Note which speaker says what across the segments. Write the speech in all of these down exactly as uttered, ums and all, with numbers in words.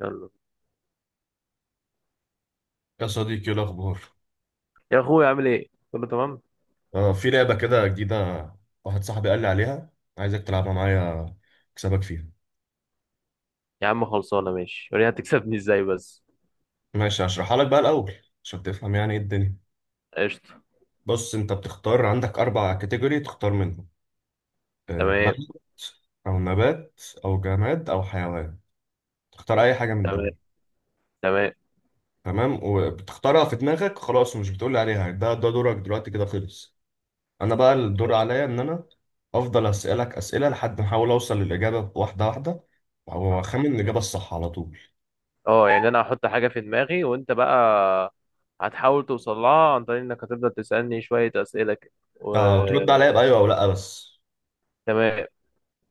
Speaker 1: يلا.
Speaker 2: يا صديقي، ايه الاخبار؟
Speaker 1: يا اخويا عامل ايه؟ كله تمام.
Speaker 2: آه، في لعبه كده جديده. واحد صاحبي قال لي عليها، عايزك تلعبها معايا، اكسبك فيها.
Speaker 1: يا عم خلصانه، ماشي، وريني هتكسبني ازاي بس.
Speaker 2: ماشي، هشرحها لك بقى الاول عشان تفهم يعني ايه الدنيا.
Speaker 1: قشطه.
Speaker 2: بص، انت بتختار عندك اربع كاتيجوري تختار منهم. آه،
Speaker 1: تمام.
Speaker 2: بلد او نبات او جماد او حيوان، تختار اي حاجه من
Speaker 1: تمام.
Speaker 2: دول.
Speaker 1: تمام.
Speaker 2: تمام. وبتختارها في دماغك خلاص، ومش بتقول لي عليها. ده ده دورك دلوقتي كده، خلص. انا بقى الدور
Speaker 1: قشطه.
Speaker 2: عليا ان انا افضل اسالك اسئله لحد ما احاول اوصل للاجابه، واحده واحده، واخمن الاجابه الصح على طول.
Speaker 1: اه يعني انا هحط حاجه في دماغي وانت بقى هتحاول توصل لها عن طريق انك هتفضل تسالني شويه اسئله كده و...
Speaker 2: آه، ترد عليا بايوه او لا بس.
Speaker 1: تمام،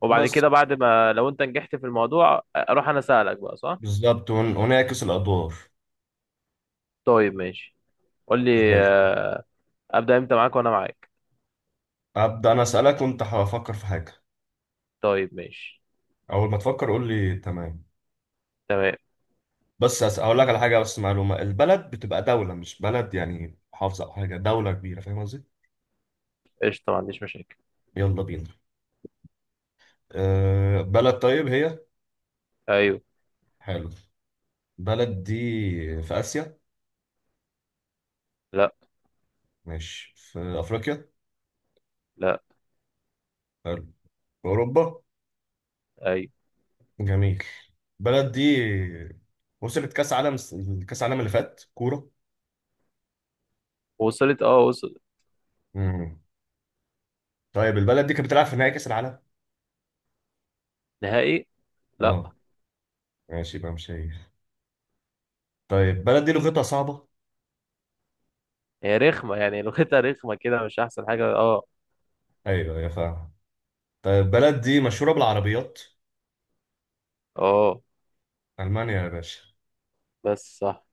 Speaker 1: وبعد
Speaker 2: بس
Speaker 1: كده بعد ما لو انت نجحت في الموضوع اروح انا اسالك بقى، صح؟
Speaker 2: بالظبط، ون- ونعكس الادوار.
Speaker 1: طيب ماشي. قول
Speaker 2: زي
Speaker 1: لي
Speaker 2: الفل.
Speaker 1: آه. ابدا امتى، معاك وانا معاك.
Speaker 2: ابدا، انا اسالك وانت هفكر في حاجه.
Speaker 1: طيب ماشي.
Speaker 2: اول ما تفكر قول لي تمام.
Speaker 1: تمام.
Speaker 2: بس أس- اقول لك على حاجه، بس معلومه، البلد بتبقى دوله مش بلد يعني محافظه او حاجه، دوله كبيره، فاهم قصدي؟
Speaker 1: قشطه، ما عنديش مشاكل.
Speaker 2: يلا بينا. أه، بلد طيب هي.
Speaker 1: ايوه.
Speaker 2: حلو. بلد دي في اسيا؟
Speaker 1: لا.
Speaker 2: ماشي، في افريقيا؟
Speaker 1: لا.
Speaker 2: حلو. أوروبا؟
Speaker 1: ايوه.
Speaker 2: جميل. البلد دي وصلت كأس عالم، كأس عالم اللي فات، كورة.
Speaker 1: وصلت، اه وصلت.
Speaker 2: امم طيب البلد دي كانت بتلعب في نهائي كأس العالم؟
Speaker 1: نهائي؟ لا.
Speaker 2: اه، ماشي بقى مش هي. طيب البلد دي لغتها صعبة؟
Speaker 1: هي رخمة يعني، لغتها رخمة كده، مش أحسن حاجة اه.
Speaker 2: ايوه، يا فاهم. طيب البلد دي مشهورة بالعربيات؟
Speaker 1: اه
Speaker 2: ألمانيا يا باشا.
Speaker 1: بس صح.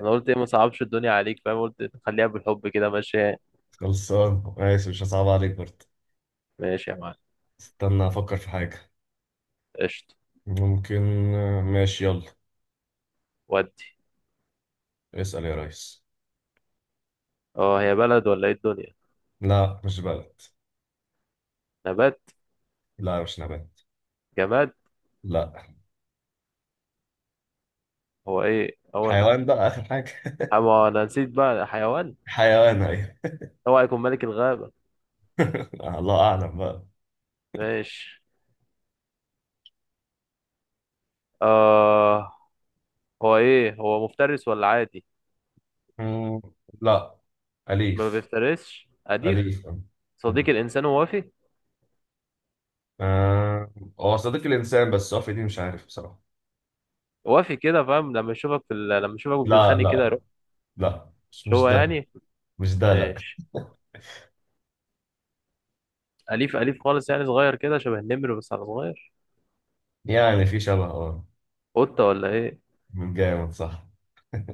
Speaker 1: أنا قلت إيه؟ ما صعبش الدنيا عليك، فاهم؟ قلت خليها بالحب كده ماشي.
Speaker 2: خلصان ماشي، مش هصعب عليك برضه.
Speaker 1: ماشي يا معلم.
Speaker 2: استنى أفكر في حاجة.
Speaker 1: قشطة.
Speaker 2: ممكن. ماشي، يلا
Speaker 1: ودي
Speaker 2: اسأل يا ريس.
Speaker 1: اه. هي بلد ولا إيه الدنيا؟
Speaker 2: لا، مش بلد.
Speaker 1: نبات؟
Speaker 2: لا، مش نبات.
Speaker 1: جماد؟
Speaker 2: لا،
Speaker 1: هو إيه هو؟ أنا
Speaker 2: حيوان بقى آخر حاجة.
Speaker 1: أما أنا نسيت بقى، حيوان.
Speaker 2: حيوان، أيوه.
Speaker 1: هو هيكون ملك الغابة.
Speaker 2: آه، الله اعلم بقى.
Speaker 1: ماشي. آه. هو إيه هو، مفترس ولا عادي؟
Speaker 2: مم، لا،
Speaker 1: ما
Speaker 2: أليف
Speaker 1: بيفترسش، أليف.
Speaker 2: أليف.
Speaker 1: صديق
Speaker 2: مم.
Speaker 1: الإنسان ووفي.
Speaker 2: آه، هو صديق الإنسان، بس هو في دي مش عارف بصراحة.
Speaker 1: وافي كده، فاهم؟ لما يشوفك في ال... لما يشوفك
Speaker 2: لا
Speaker 1: بتتخانق
Speaker 2: لا
Speaker 1: كده.
Speaker 2: لا، لا مش
Speaker 1: مش
Speaker 2: مش
Speaker 1: هو
Speaker 2: ده.
Speaker 1: يعني.
Speaker 2: مش ده، لا.
Speaker 1: ماشي. أليف أليف خالص يعني، صغير كده شبه النمر بس على صغير.
Speaker 2: يعني في شبه، اه.
Speaker 1: قطة ولا إيه؟
Speaker 2: من جامد، صح.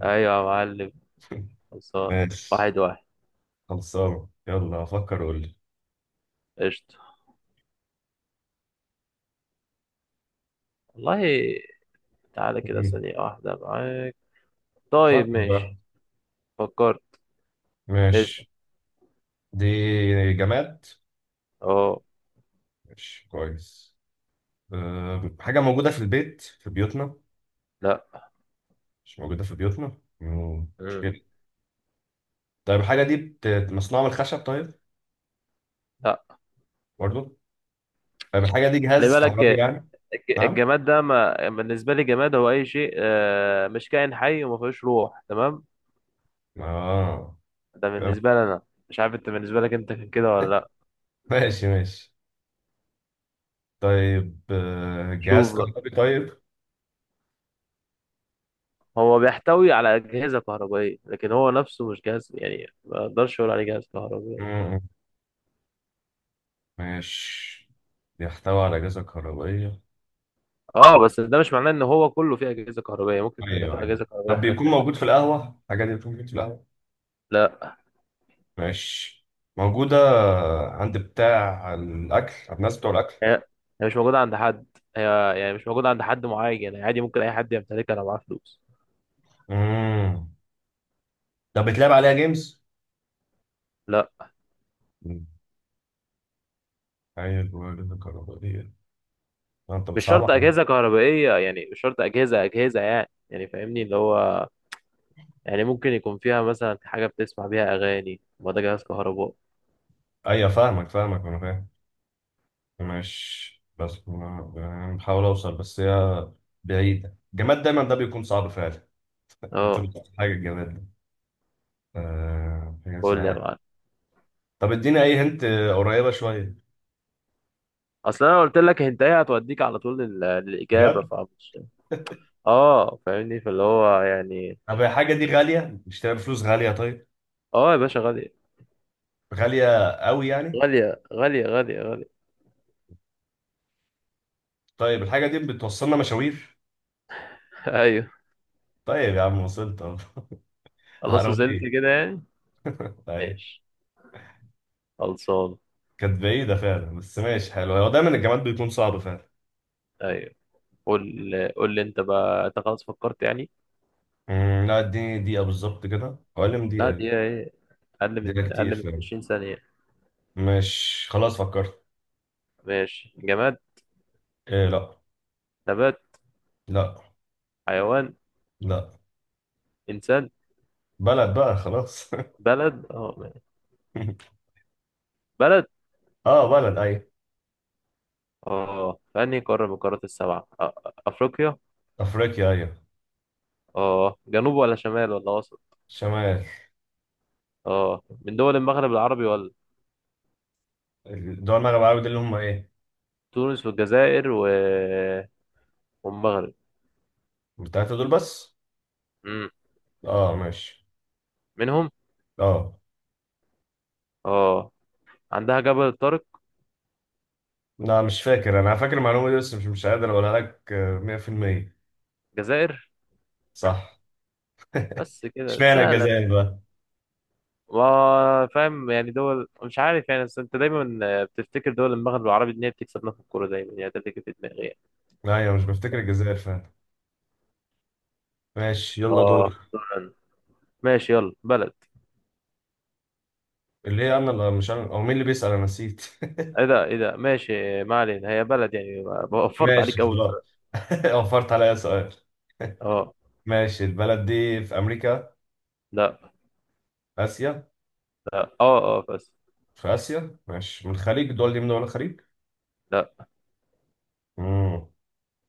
Speaker 1: أيوة يا معلم. خلصان.
Speaker 2: ماشي،
Speaker 1: واحد واحد.
Speaker 2: خلصانة، يلا فكر قول لي.
Speaker 1: قشطة. والله. تعالى كده،
Speaker 2: مم.
Speaker 1: ثانية واحدة معاك. طيب
Speaker 2: فكر بقى.
Speaker 1: ماشي. فكرت. اسأل.
Speaker 2: ماشي. دي جماد.
Speaker 1: أه.
Speaker 2: ماشي كويس. أه، حاجة موجودة في البيت في بيوتنا؟
Speaker 1: لأ.
Speaker 2: مش موجودة في بيوتنا. مم.
Speaker 1: مم.
Speaker 2: مشكلة. طيب الحاجة دي بت- مصنوعة من الخشب طيب؟
Speaker 1: لأ.
Speaker 2: برضو؟ طيب الحاجة دي
Speaker 1: خلي
Speaker 2: جهاز
Speaker 1: بالك،
Speaker 2: كهربي يعني؟
Speaker 1: الج-
Speaker 2: نعم.
Speaker 1: الجماد ده ما بالنسبة لي، جماد هو أي شيء آه، مش كائن حي وما فيهوش روح، تمام؟
Speaker 2: اه.
Speaker 1: ده
Speaker 2: طيب
Speaker 1: بالنسبة لي أنا. مش عارف أنت بالنسبة لك أنت كان كده ولا لأ.
Speaker 2: ماشي ماشي. طيب آه، جهاز
Speaker 1: شوف بقى.
Speaker 2: كهربي طيب.
Speaker 1: هو بيحتوي على أجهزة كهربائية، لكن هو نفسه مش جهاز، يعني ما أقدرش أقول عليه جهاز كهربائي.
Speaker 2: مم، ماشي. بيحتوي على أجهزة كهربائية.
Speaker 1: أه، بس ده مش معناه إن هو كله فيه أجهزة كهربائية، ممكن يكون فيه
Speaker 2: أيوه أيوه.
Speaker 1: أجهزة كهربائية،
Speaker 2: طب
Speaker 1: حاجات
Speaker 2: بيكون
Speaker 1: تانية.
Speaker 2: موجود في القهوة؟ الحاجة دي بتكون موجودة في القهوة؟
Speaker 1: لا.
Speaker 2: ماشي. موجودة عند بتاع الأكل، عند الناس بتوع الأكل.
Speaker 1: هي، هي مش موجودة عند حد. هي، يعني مش موجودة عند حد معين يعني، عادي ممكن أي حد يمتلكها لو معاه فلوس.
Speaker 2: مم. طب بتلعب عليها جيمز؟
Speaker 1: لا،
Speaker 2: مم. أيوه. جهاز كهربائية. أنت
Speaker 1: مش شرط
Speaker 2: بتصعبها.
Speaker 1: أجهزة كهربائية، يعني مش شرط أجهزة أجهزة يعني، يعني فاهمني اللي هو. يعني ممكن يكون فيها مثلا حاجة بتسمع بيها أغاني، ما ده جهاز كهربائي.
Speaker 2: ايوه، فاهمك فاهمك، انا فاهم. ماشي، بس ما- يعني بحاول اوصل، بس هي بعيدة. الجماد دايما ده بيكون صعب فعلا. كنت
Speaker 1: أه.
Speaker 2: بتقول حاجة، الجماد ده آه، حاجة
Speaker 1: قول لي
Speaker 2: اسمها
Speaker 1: يا
Speaker 2: إيه؟
Speaker 1: معلم.
Speaker 2: طب اديني اي هنت. قريبة شوية؟
Speaker 1: اصل انا قلت لك انت ايه، هتوديك على طول لل- للاجابه،
Speaker 2: بجد؟
Speaker 1: فمش. اه فاهمني، فاللي هو يعني.
Speaker 2: طب الحاجة دي غالية، نشتريها بفلوس غالية طيب؟
Speaker 1: اه يا باشا، غاليه.
Speaker 2: غالية قوي يعني؟
Speaker 1: غاليه غاليه غاليه غاليه
Speaker 2: طيب الحاجة دي بتوصلنا مشاوير؟
Speaker 1: ايوه.
Speaker 2: طيب يا عم، وصلت اهو.
Speaker 1: خلاص وصلت
Speaker 2: عربية.
Speaker 1: كده يعني.
Speaker 2: طيب،
Speaker 1: ماشي خلصان.
Speaker 2: كانت بعيدة فعلا بس ماشي حلو. هو دايما الجماد بيكون صعب فعلا.
Speaker 1: ايوه. قول. قول لي انت بقى، انت خلاص فكرت يعني؟
Speaker 2: أمم، لا، اديني دقيقة بالظبط كده، حوالي
Speaker 1: لا،
Speaker 2: دقيقة.
Speaker 1: دي ايه، اقل
Speaker 2: ده
Speaker 1: من
Speaker 2: كتير
Speaker 1: اقل من
Speaker 2: فعلا؟
Speaker 1: عشرين ثانيه.
Speaker 2: مش خلاص فكرت.
Speaker 1: ماشي. جماد؟
Speaker 2: إيه لا.
Speaker 1: نبات؟
Speaker 2: لا
Speaker 1: حيوان؟
Speaker 2: لا.
Speaker 1: انسان؟
Speaker 2: بلد بقى خلاص.
Speaker 1: بلد، اه ماشي. بلد
Speaker 2: اه بلد، ايوه.
Speaker 1: اه. في انهي قاره من القارات السبعه؟ آه، افريقيا.
Speaker 2: افريقيا، ايوه.
Speaker 1: اه جنوب ولا شمال ولا وسط؟
Speaker 2: شمال.
Speaker 1: اه من دول المغرب العربي ولا؟
Speaker 2: دول المغرب العربي دول اللي هم ايه؟
Speaker 1: تونس والجزائر و... والمغرب.
Speaker 2: التلاتة دول بس؟
Speaker 1: امم.
Speaker 2: اه ماشي.
Speaker 1: منهم.
Speaker 2: اه.
Speaker 1: اه عندها جبل الطارق.
Speaker 2: لا، مش فاكر. انا فاكر المعلومة دي، بس مش مش قادر اقولها لك آه، مية في المية.
Speaker 1: جزائر.
Speaker 2: صح.
Speaker 1: بس كده
Speaker 2: اشمعنى
Speaker 1: سهلة.
Speaker 2: الجزائر بقى؟
Speaker 1: ما فاهم يعني، دول مش عارف يعني، بس انت دايما بتفتكر دول المغرب العربي ان هي بتكسبنا في الكورة دايما يعني، ده اللي جه في دماغي يعني.
Speaker 2: ايوه، مش بفتكر الجزائر فعلا. ماشي، يلا
Speaker 1: اه
Speaker 2: دور.
Speaker 1: دول. ماشي يلا. بلد.
Speaker 2: اللي هي انا اللي، مش انا او مين اللي بيسأل؟ انا نسيت.
Speaker 1: ايه ده، ايه ده ماشي، ما علينا، هي بلد يعني وفرت
Speaker 2: ماشي
Speaker 1: عليك اول سؤال.
Speaker 2: خلاص. وفرت عليا سؤال.
Speaker 1: اه.
Speaker 2: ماشي، البلد دي في أمريكا؟
Speaker 1: لا.
Speaker 2: آسيا؟
Speaker 1: لا. اه اه بس.
Speaker 2: في آسيا. ماشي، من الخليج؟ الدول دي من دول الخليج؟
Speaker 1: لا.
Speaker 2: مم.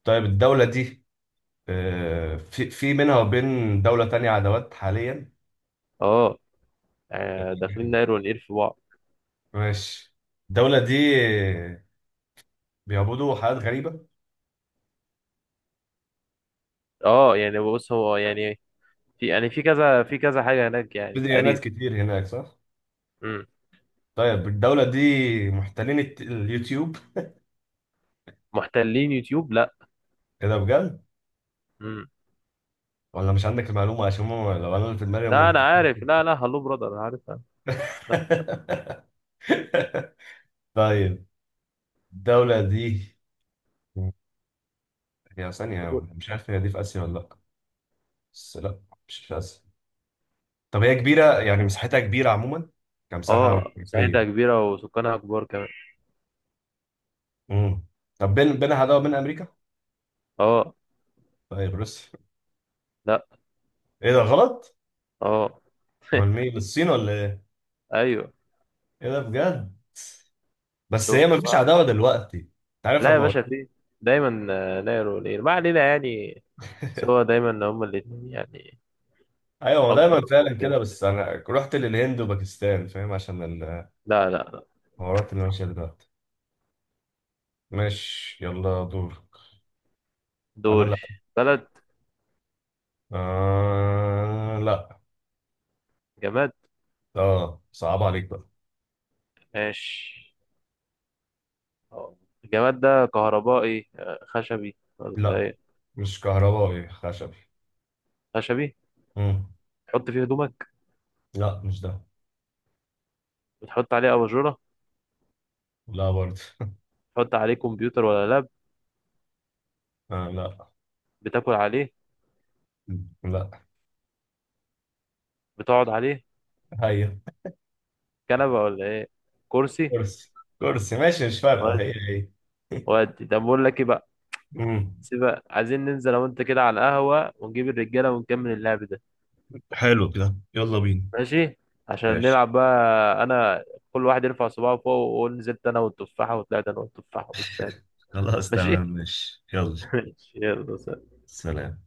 Speaker 2: طيب الدولة دي آه، في في بينها وبين دولة تانية عداوات حاليا؟
Speaker 1: اه. آه، داخلين نقر ونقير في بعض.
Speaker 2: ماشي. الدولة دي بيعبدوا حاجات غريبة؟
Speaker 1: اه يعني بص، هو يعني في يعني، في كذا في كذا حاجة هناك
Speaker 2: في
Speaker 1: يعني
Speaker 2: ديانات
Speaker 1: تقريبا.
Speaker 2: كتير هناك صح؟
Speaker 1: امم.
Speaker 2: طيب الدولة دي محتلين الت- اليوتيوب؟
Speaker 1: محتلين يوتيوب؟ لا.
Speaker 2: ايه ده بجد؟
Speaker 1: امم.
Speaker 2: ولا مش عندك المعلومة؟ عشان هم، لو انا اللي في دماغي، هم
Speaker 1: لا انا عارف،
Speaker 2: محتلين.
Speaker 1: لا لا، هلو برادر انا عارفها. لا.
Speaker 2: طيب الدولة دي هي ثانية.
Speaker 1: موجود.
Speaker 2: مش عارف هي دي في آسيا ولا لأ. بس لأ، مش في آسيا. طب هي كبيرة، يعني مساحتها كبيرة عموما، كمساحة
Speaker 1: اه مساحتها
Speaker 2: وكيفية.
Speaker 1: كبيرة وسكانها كبار كمان.
Speaker 2: امم. طب بين بينها عداوة بين أمريكا؟
Speaker 1: اه.
Speaker 2: طيب روسيا؟
Speaker 1: لا.
Speaker 2: إيه ده غلط؟
Speaker 1: اه.
Speaker 2: أمال مين، الصين ولا إيه؟
Speaker 1: ايوه.
Speaker 2: إيه ده بجد؟ بس هي
Speaker 1: شفت
Speaker 2: مفيش
Speaker 1: بقى.
Speaker 2: عداوة دلوقتي، أنت عارف
Speaker 1: لا يا
Speaker 2: أما
Speaker 1: باشا،
Speaker 2: قلت.
Speaker 1: في. دايما آه، نايرو وليل، ما علينا يعني. سوا دايما هما الاتنين يعني.
Speaker 2: أيوة، ما دايما
Speaker 1: اكبر
Speaker 2: فعلا
Speaker 1: قوتين.
Speaker 2: كده، بس أنا رحت للهند وباكستان، فاهم؟ عشان
Speaker 1: لا لا لا.
Speaker 2: الحوارات اللي ماشية دلوقتي. ماشي، يلا دورك. أنا
Speaker 1: دوري.
Speaker 2: لأ.
Speaker 1: بلد.
Speaker 2: آه لأ.
Speaker 1: جماد.
Speaker 2: آه، صعب عليك بقى.
Speaker 1: ماشي. اه الجماد ده كهربائي، آه، خشبي ولا
Speaker 2: لا،
Speaker 1: ايه؟
Speaker 2: مش كهربائي خشبي.
Speaker 1: خشبي.
Speaker 2: مم.
Speaker 1: تحط فيه هدومك؟
Speaker 2: لا، مش ده.
Speaker 1: بتحط عليه اباجوره؟
Speaker 2: لا برضه.
Speaker 1: تحط عليه كمبيوتر ولا لاب؟
Speaker 2: آه لا.
Speaker 1: بتاكل عليه؟
Speaker 2: لا
Speaker 1: بتقعد عليه؟
Speaker 2: هي.
Speaker 1: كنبه ولا ايه؟ كرسي.
Speaker 2: كرسي. كرسي، ماشي، مش فارقة،
Speaker 1: ودي.
Speaker 2: هي هي.
Speaker 1: ودي، طب بقول لك ايه بقى.
Speaker 2: مم.
Speaker 1: سيبك، عايزين ننزل انا وانت كده على القهوه ونجيب الرجاله ونكمل اللعب ده.
Speaker 2: حلو كده، يلا بينا.
Speaker 1: ماشي. عشان
Speaker 2: ماشي.
Speaker 1: نلعب بقى. انا، كل واحد يرفع صباعه فوق ويقول، نزلت انا والتفاحه وطلعت انا والتفاحه والسالب.
Speaker 2: خلاص
Speaker 1: ماشي.
Speaker 2: تمام، ماشي يلا.
Speaker 1: ماشي يلا.
Speaker 2: سلام.